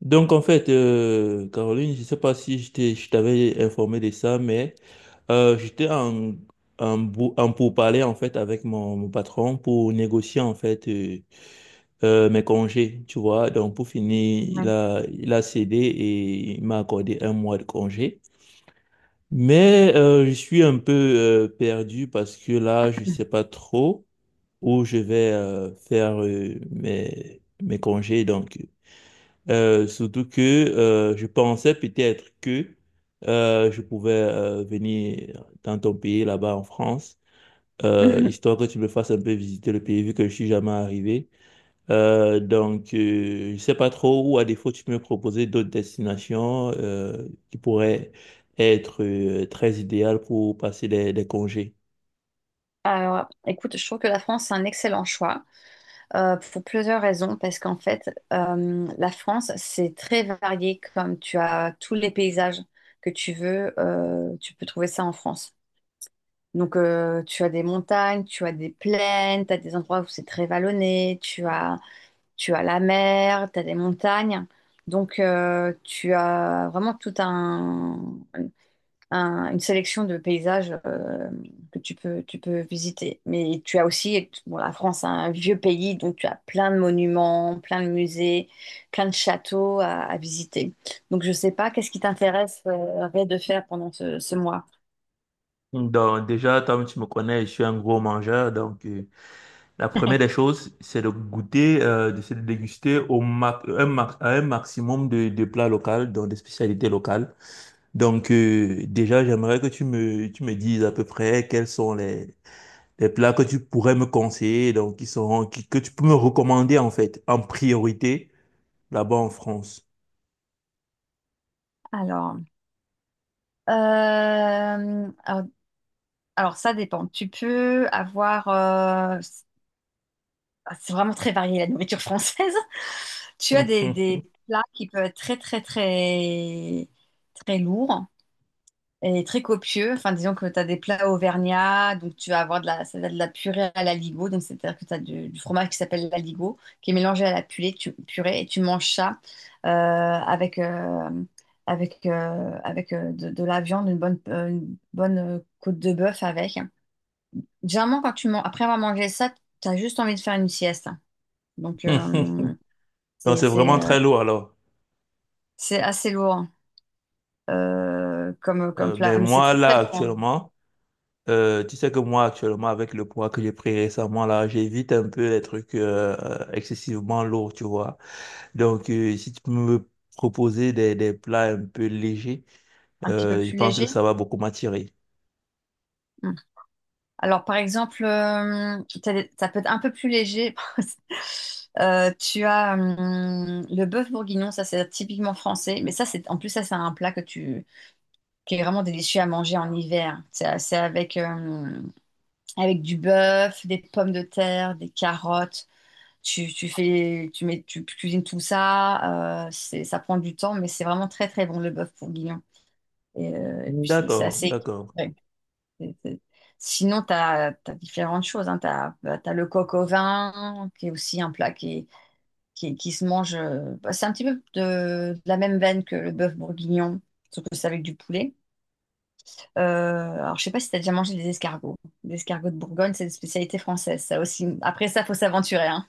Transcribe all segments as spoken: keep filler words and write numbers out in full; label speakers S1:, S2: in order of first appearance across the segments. S1: Donc en fait, euh, Caroline, je ne sais pas si je t'ai- je t'avais informé de ça, mais euh, j'étais en, en, bou- en pourparlers en fait avec mon, mon patron pour négocier en fait euh, euh, mes congés, tu vois. Donc pour finir, il
S2: Ouais.
S1: a, il a cédé et il m'a accordé un mois de congé. Mais euh, je suis un peu euh, perdu parce que là, je ne sais pas trop où je vais euh, faire euh, mes, mes congés. Donc euh, surtout que euh, je pensais peut-être que euh, je pouvais euh, venir dans ton pays, là-bas en France, euh, histoire que tu me fasses un peu visiter le pays vu que je suis jamais arrivé. Euh, donc, euh, je sais pas trop, ou à défaut, tu peux me proposer d'autres destinations euh, qui pourraient être euh, très idéales pour passer les, les congés.
S2: Alors, écoute, je trouve que la France, c'est un excellent choix euh, pour plusieurs raisons, parce qu'en fait, euh, la France, c'est très varié, comme tu as tous les paysages que tu veux, euh, tu peux trouver ça en France. Donc, euh, tu as des montagnes, tu as des plaines, tu as des endroits où c'est très vallonné, tu as, tu as la mer, tu as des montagnes. Donc, euh, tu as vraiment tout un, un- une sélection de paysages euh, que tu peux, tu peux visiter. Mais tu as aussi, bon, la France, c'est un vieux pays, donc tu as plein de monuments, plein de musées, plein de châteaux à, à visiter. Donc je sais pas, qu'est-ce qui t'intéresse euh, Ray, de faire pendant ce, ce mois?
S1: Donc, déjà, comme tu me connais, je suis un gros mangeur, donc... euh, La première des choses, c'est de goûter, euh, de se déguster au ma- un ma- à un maximum de, de plats locaux, donc des spécialités locales. Donc euh, déjà, j'aimerais que tu me, tu me dises à peu près quels sont les, les plats que tu pourrais me conseiller, donc qui sont, qui- que tu peux me recommander en fait, en priorité, là-bas en France.
S2: Alors, euh, alors, alors, ça dépend. Tu peux avoir, euh, c'est vraiment très varié la nourriture française. Tu as des, des plats qui peuvent être très très très très lourds et très copieux. Enfin, disons que tu as des plats auvergnats, donc tu vas avoir de la, ça va être de la purée à l'aligot. Donc, c'est-à-dire que tu as du, du fromage qui s'appelle l'aligot, qui est mélangé à la purée, tu, purée et tu manges ça euh, avec, euh, avec, euh, avec euh, de, de la viande, une bonne, euh, une bonne euh, côte de bœuf avec. Généralement, quand tu man- après avoir mangé ça, tu as juste envie de faire une sieste. Donc, euh,
S1: Donc
S2: c'est,
S1: c'est
S2: c'est,
S1: vraiment
S2: euh,
S1: très lourd alors.
S2: c'est assez lourd hein, euh, comme, comme
S1: Euh,
S2: plat,
S1: mais
S2: mais c'est
S1: moi,
S2: très, très
S1: là,
S2: bon,
S1: actuellement... Euh, tu sais que moi, actuellement, avec le poids que j'ai pris récemment, là, j'évite un peu les trucs euh, euh, excessivement lourds, tu vois. Donc, euh, si tu peux me proposer des, des plats un peu légers,
S2: un petit peu
S1: euh, je
S2: plus
S1: pense que
S2: léger.
S1: ça va beaucoup m'attirer.
S2: Hum. Alors, par exemple, euh, t'as des- ça peut être un peu plus léger. Euh, tu as hum, le bœuf bourguignon, ça c'est typiquement français. Mais ça, c'est en plus, ça c'est un plat que tu, qui est vraiment délicieux à manger en hiver. C'est c'est avec, hum, avec du bœuf, des pommes de terre, des carottes. Tu, tu fais, tu mets, Tu cuisines tout ça. Euh, c'est, ça prend du temps, mais c'est vraiment très très bon le bœuf bourguignon. Et, euh, et puis c'est c'est
S1: D'accord,
S2: assez
S1: d'accord.
S2: équilibré. C'est- c'est- Sinon, tu as différentes choses. Hein. Tu as le coq au vin, qui est aussi un plat qui, qui, qui se mange. euh, bah, C'est un petit peu de, de la même veine que le bœuf bourguignon, sauf que c'est avec du poulet. Euh, alors, je sais pas si tu as déjà mangé des escargots. Les escargots de Bourgogne, c'est une spécialité française, ça aussi. Après ça, faut s'aventurer, hein.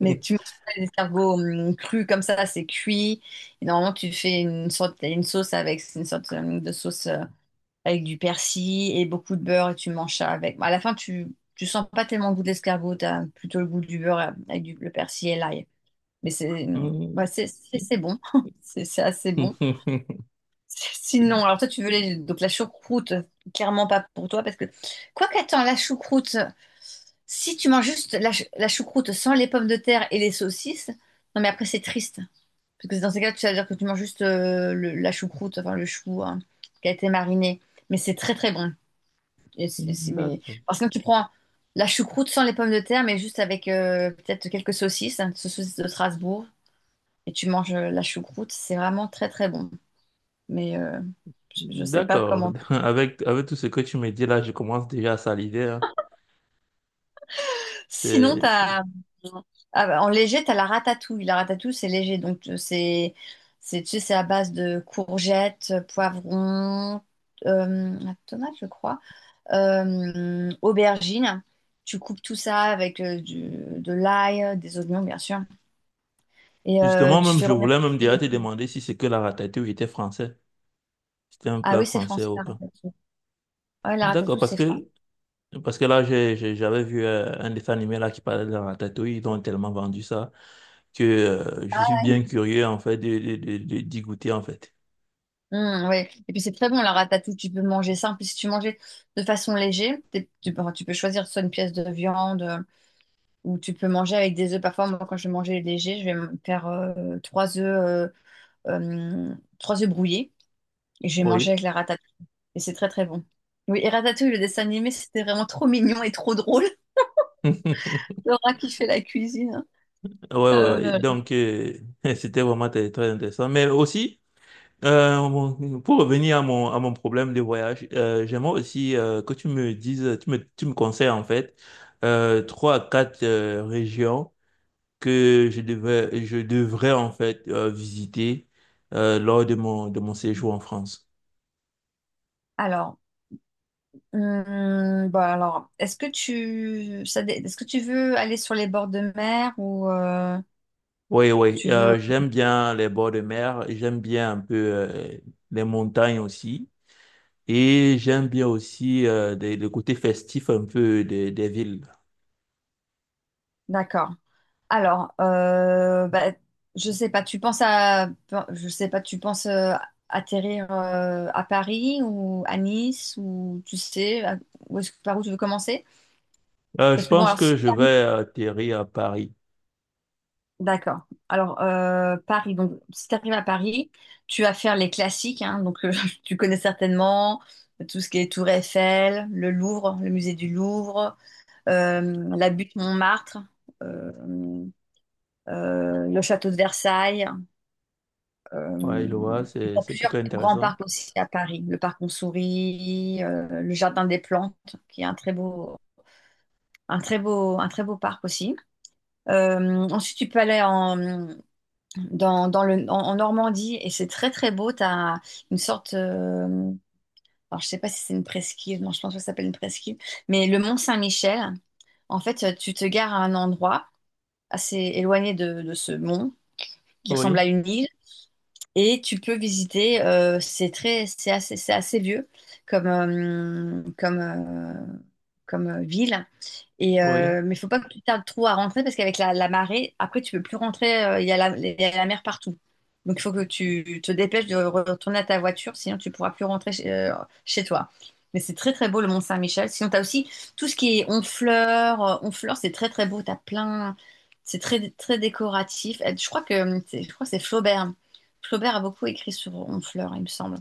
S2: Mais tu manges pas les escargots hum, crus comme ça, c'est cuit. Et normalement, tu fais une sorte, une sauce avec, c'est une sorte hum, de sauce euh, avec du persil et beaucoup de beurre et tu manges ça avec. Bon, à la fin, tu tu sens pas tellement le goût d'escargot, tu as plutôt le goût du beurre euh, avec du, le persil et l'ail. Mais c'est ouais, c'est c'est- c'est bon, c'est c'est assez bon. Sinon, alors toi, tu veux les, donc la choucroute, clairement pas pour toi parce que quoi qu'attends, la choucroute, si tu manges juste la, chou- la choucroute sans les pommes de terre et les saucisses, non mais après c'est triste parce que dans ces cas, tu vas dire que tu manges juste euh, le- la choucroute, enfin le chou hein, qui a été mariné, mais c'est très très bon. Et c'est- c'est- mais...
S1: D'accord,
S2: Parce que tu prends la choucroute sans les pommes de terre, mais juste avec euh, peut-être quelques saucisses, hein, saucisses de Strasbourg, et tu manges euh, la choucroute, c'est vraiment très très bon. Mais euh, je je sais pas
S1: d'accord.
S2: comment.
S1: Avec, avec tout ce que tu me dis là, je commence déjà à saliver, hein.
S2: Sinon,
S1: C'est, c'est-
S2: t'as... ah, bah, en léger, tu as la ratatouille. La ratatouille, c'est léger, donc euh, c'est c'est tu sais, c'est à base de courgettes, euh, poivrons, euh, tomates, je crois, euh, aubergines. Tu coupes tout ça avec euh, du- de l'ail, des oignons, bien sûr. Et euh,
S1: Justement,
S2: tu
S1: même,
S2: fais
S1: je
S2: revenir
S1: voulais
S2: tous
S1: même déjà te
S2: les...
S1: demander si c'est que la ratatouille était français. C'était un
S2: Ah
S1: plat
S2: oui, c'est
S1: français
S2: français,
S1: ou
S2: la
S1: pas.
S2: ratatouille. Ouais, la
S1: D'accord,
S2: ratatouille,
S1: parce
S2: c'est français.
S1: que, parce que là, j'ai, j'ai- j'avais vu euh, un dessin animé là qui parlait de la ratatouille, ils ont tellement vendu ça que euh, je suis
S2: Ah,
S1: bien curieux en fait de, de, de- de- d'y goûter en fait.
S2: hum, ouais. Et puis c'est très bon, la ratatouille. Tu peux manger simple. Puis si tu manges de façon légère, t'es- tu, peux enfin, tu peux choisir soit une pièce de viande euh, ou tu peux manger avec des œufs. Parfois, moi, quand je vais manger léger, je vais me faire euh, trois œufs, euh, euh, trois œufs brouillés et je vais manger
S1: Oui.
S2: avec la ratatouille. Et c'est très, très bon. Oui, et Ratatouille, le dessin animé, c'était vraiment trop mignon et trop drôle. Laura qui fait la cuisine, hein.
S1: Ouais, ouais,
S2: Euh,
S1: ouais.
S2: là, là.
S1: Donc, euh, c'était vraiment très, très intéressant. Mais aussi, euh, mon- pour revenir à mon, à mon problème de voyage, euh, j'aimerais aussi euh, que tu me dises, tu me, tu me conseilles en fait euh, trois à quatre euh, régions que je devais, je devrais en fait euh, visiter euh, lors de mon, de mon séjour en France.
S2: Alors, hum, bah alors, est-ce que tu, ça dé- est-ce que tu veux aller sur les bords de mer ou euh,
S1: Oui, oui,
S2: tu veux...
S1: euh, j'aime bien les bords de mer, j'aime bien un peu euh, les montagnes aussi, et j'aime bien aussi euh, des- le côté festif un peu des, des villes.
S2: D'accord. Alors, euh, bah, je sais pas. Tu penses à, je sais pas. Tu penses euh, atterrir euh, à Paris ou à Nice ou tu sais à- où est-ce, par où tu veux commencer?
S1: Euh, je
S2: Parce que bon,
S1: pense
S2: alors
S1: que
S2: si tu
S1: je
S2: arrives
S1: vais atterrir à Paris.
S2: D'accord. Alors, euh, Paris, donc si tu arrives à Paris, tu vas faire les classiques, hein. Donc euh, tu connais certainement tout ce qui est Tour Eiffel, le Louvre, le musée du Louvre, euh, la butte Montmartre, euh, euh, le château de Versailles.
S1: Ouais,
S2: euh,
S1: je vois,
S2: et
S1: c'est,
S2: t'as
S1: c'est
S2: plusieurs
S1: plutôt
S2: grands
S1: intéressant.
S2: parcs aussi à Paris, le parc On Sourit, euh, le jardin des plantes, qui est un très beau, un très beau, un très beau parc aussi. Euh, ensuite, tu peux aller en, dans, dans le, en, en Normandie et c'est très très beau. Tu as une sorte, euh, alors je sais pas si c'est une presqu'île, non, je pense pas que ça s'appelle une presqu'île, mais le mont Saint-Michel. En fait, tu te gares à un endroit assez éloigné de, de ce mont qui ressemble à
S1: Oui,
S2: une île et tu peux visiter, euh, c'est très, c'est assez, c'est assez vieux comme, euh, comme, euh, comme euh, ville. Et,
S1: oui,
S2: euh, mais il faut pas que tu tardes trop à rentrer parce qu'avec la, la marée, après, tu peux plus rentrer. euh, Il y a la, il y a la mer partout. Donc, il faut que tu te dépêches de retourner à ta voiture, sinon tu pourras plus rentrer chez, euh, chez toi. Mais c'est très, très beau, le Mont-Saint-Michel. Sinon, tu as aussi tout ce qui est Honfleur. euh, Honfleur, c'est très, très beau. Tu as plein... C'est très, très décoratif. Euh, Je crois que c'est- je crois que c'est Flaubert. Flaubert a beaucoup écrit sur Honfleur, il me semble.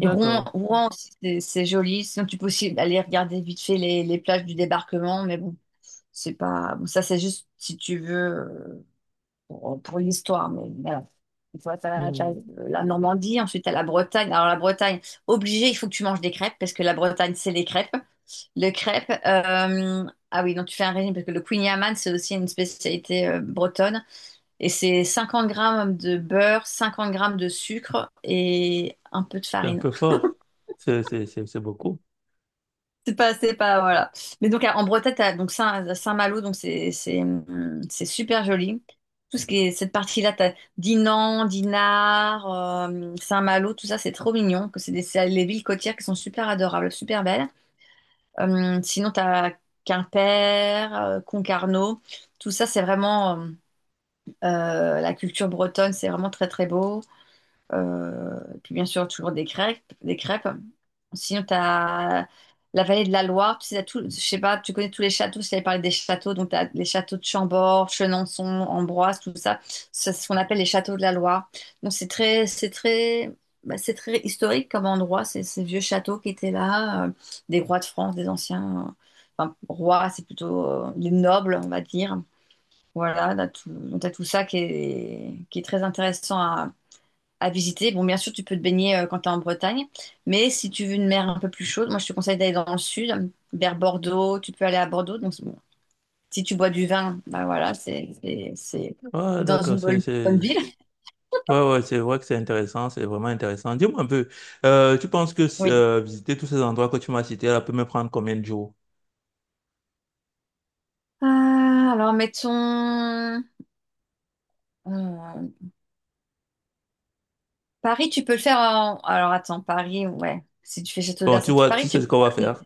S2: Et Rouen, Rouen aussi, c'est c'est joli. Sinon, tu peux aussi aller regarder vite fait les, les plages du débarquement, mais bon, c'est pas. Bon, ça, c'est juste si tu veux euh, pour, pour l'histoire, mais voilà. Tu vois, t'as- t'as
S1: Hmm.
S2: la Normandie, ensuite t'as la Bretagne. Alors la Bretagne, obligé, il faut que tu manges des crêpes parce que la Bretagne, c'est les crêpes. Les crêpes, euh, ah oui, donc tu fais un régime parce que le Queen Yaman, c'est aussi une spécialité euh, bretonne. Et c'est cinquante grammes de beurre, cinquante grammes de sucre et un peu de
S1: C'est un
S2: farine.
S1: peu fort. C'est, c'est, c'est, c'est beaucoup.
S2: C'est pas, c'est pas, Voilà. Mais donc à- en Bretagne, t'as donc Saint, malo donc c'est, c'est, hum, c'est super joli. Tout ce qui est cette partie-là, t'as Dinan, Dinard, euh, Saint-Malo, tout ça, c'est trop mignon. Que c'est des, c'est les villes côtières qui sont super adorables, super belles. Hum, sinon, t'as Quimper, euh, Concarneau. Tout ça, c'est vraiment euh, euh, la culture bretonne, c'est vraiment très très beau. Euh, puis bien sûr, toujours des crêpes, des crêpes. Sinon, tu as la vallée de la Loire. Tu sais, t'as tout, je sais pas, tu connais tous les châteaux. Je t'avais parlé des châteaux. Donc, tu as les châteaux de Chambord, Chenonceau, Ambroise, tout ça. C'est ce qu'on appelle les châteaux de la Loire. Donc, c'est très, c'est très, bah, c'est très historique comme endroit. C'est ces vieux châteaux qui étaient là, euh, des rois de France, des anciens. Euh, enfin, rois, c'est plutôt euh, les nobles, on va dire. Voilà, t'as tout, donc t'as tout ça qui est, qui est très intéressant à, à visiter. Bon, bien sûr, tu peux te baigner euh, quand tu es en Bretagne, mais si tu veux une mer un peu plus chaude, moi je te conseille d'aller dans le sud, vers Bordeaux. Tu peux aller à Bordeaux. Donc, c'est bon, si tu bois du vin, bah voilà, c'est c'est- c'est-
S1: Ah,
S2: c'est dans
S1: d'accord,
S2: une
S1: c'est,
S2: bonne, bonne
S1: c'est,
S2: ville.
S1: ouais, ouais, c'est vrai que c'est intéressant, c'est vraiment intéressant. Dis-moi un peu, euh, tu penses que
S2: Oui.
S1: euh, visiter tous ces endroits que tu m'as cités, là, peut me prendre combien de jours?
S2: Ah, alors, mettons. Euh, Paris, tu peux le faire en. Alors, attends, Paris, ouais. Si tu fais Château de
S1: Bon, tu
S2: Versailles,
S1: vois,
S2: Paris,
S1: tu
S2: tu.
S1: sais ce qu'on va faire.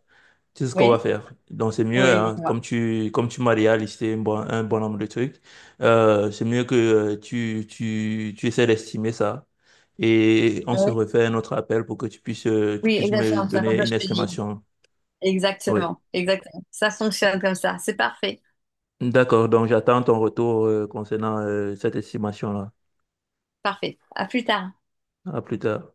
S1: Tu sais ce qu'on va
S2: Oui,
S1: faire. Donc, c'est mieux,
S2: oui,
S1: hein,
S2: dis-moi.
S1: comme tu, comme tu m'as déjà listé un bon, un bon nombre de trucs, euh, c'est mieux que euh, tu, tu, tu essaies d'estimer ça. Et on se
S2: Oui,
S1: refait un autre appel pour que tu puisses, euh, tu
S2: oui,
S1: puisses me
S2: exactement. C'est comme ça
S1: donner
S2: que
S1: une
S2: je te dis.
S1: estimation. Oui.
S2: Exactement, exactement. Ça fonctionne comme ça. C'est parfait,
S1: D'accord, donc j'attends ton retour euh, concernant euh, cette estimation-là.
S2: parfait. À plus tard.
S1: À plus tard.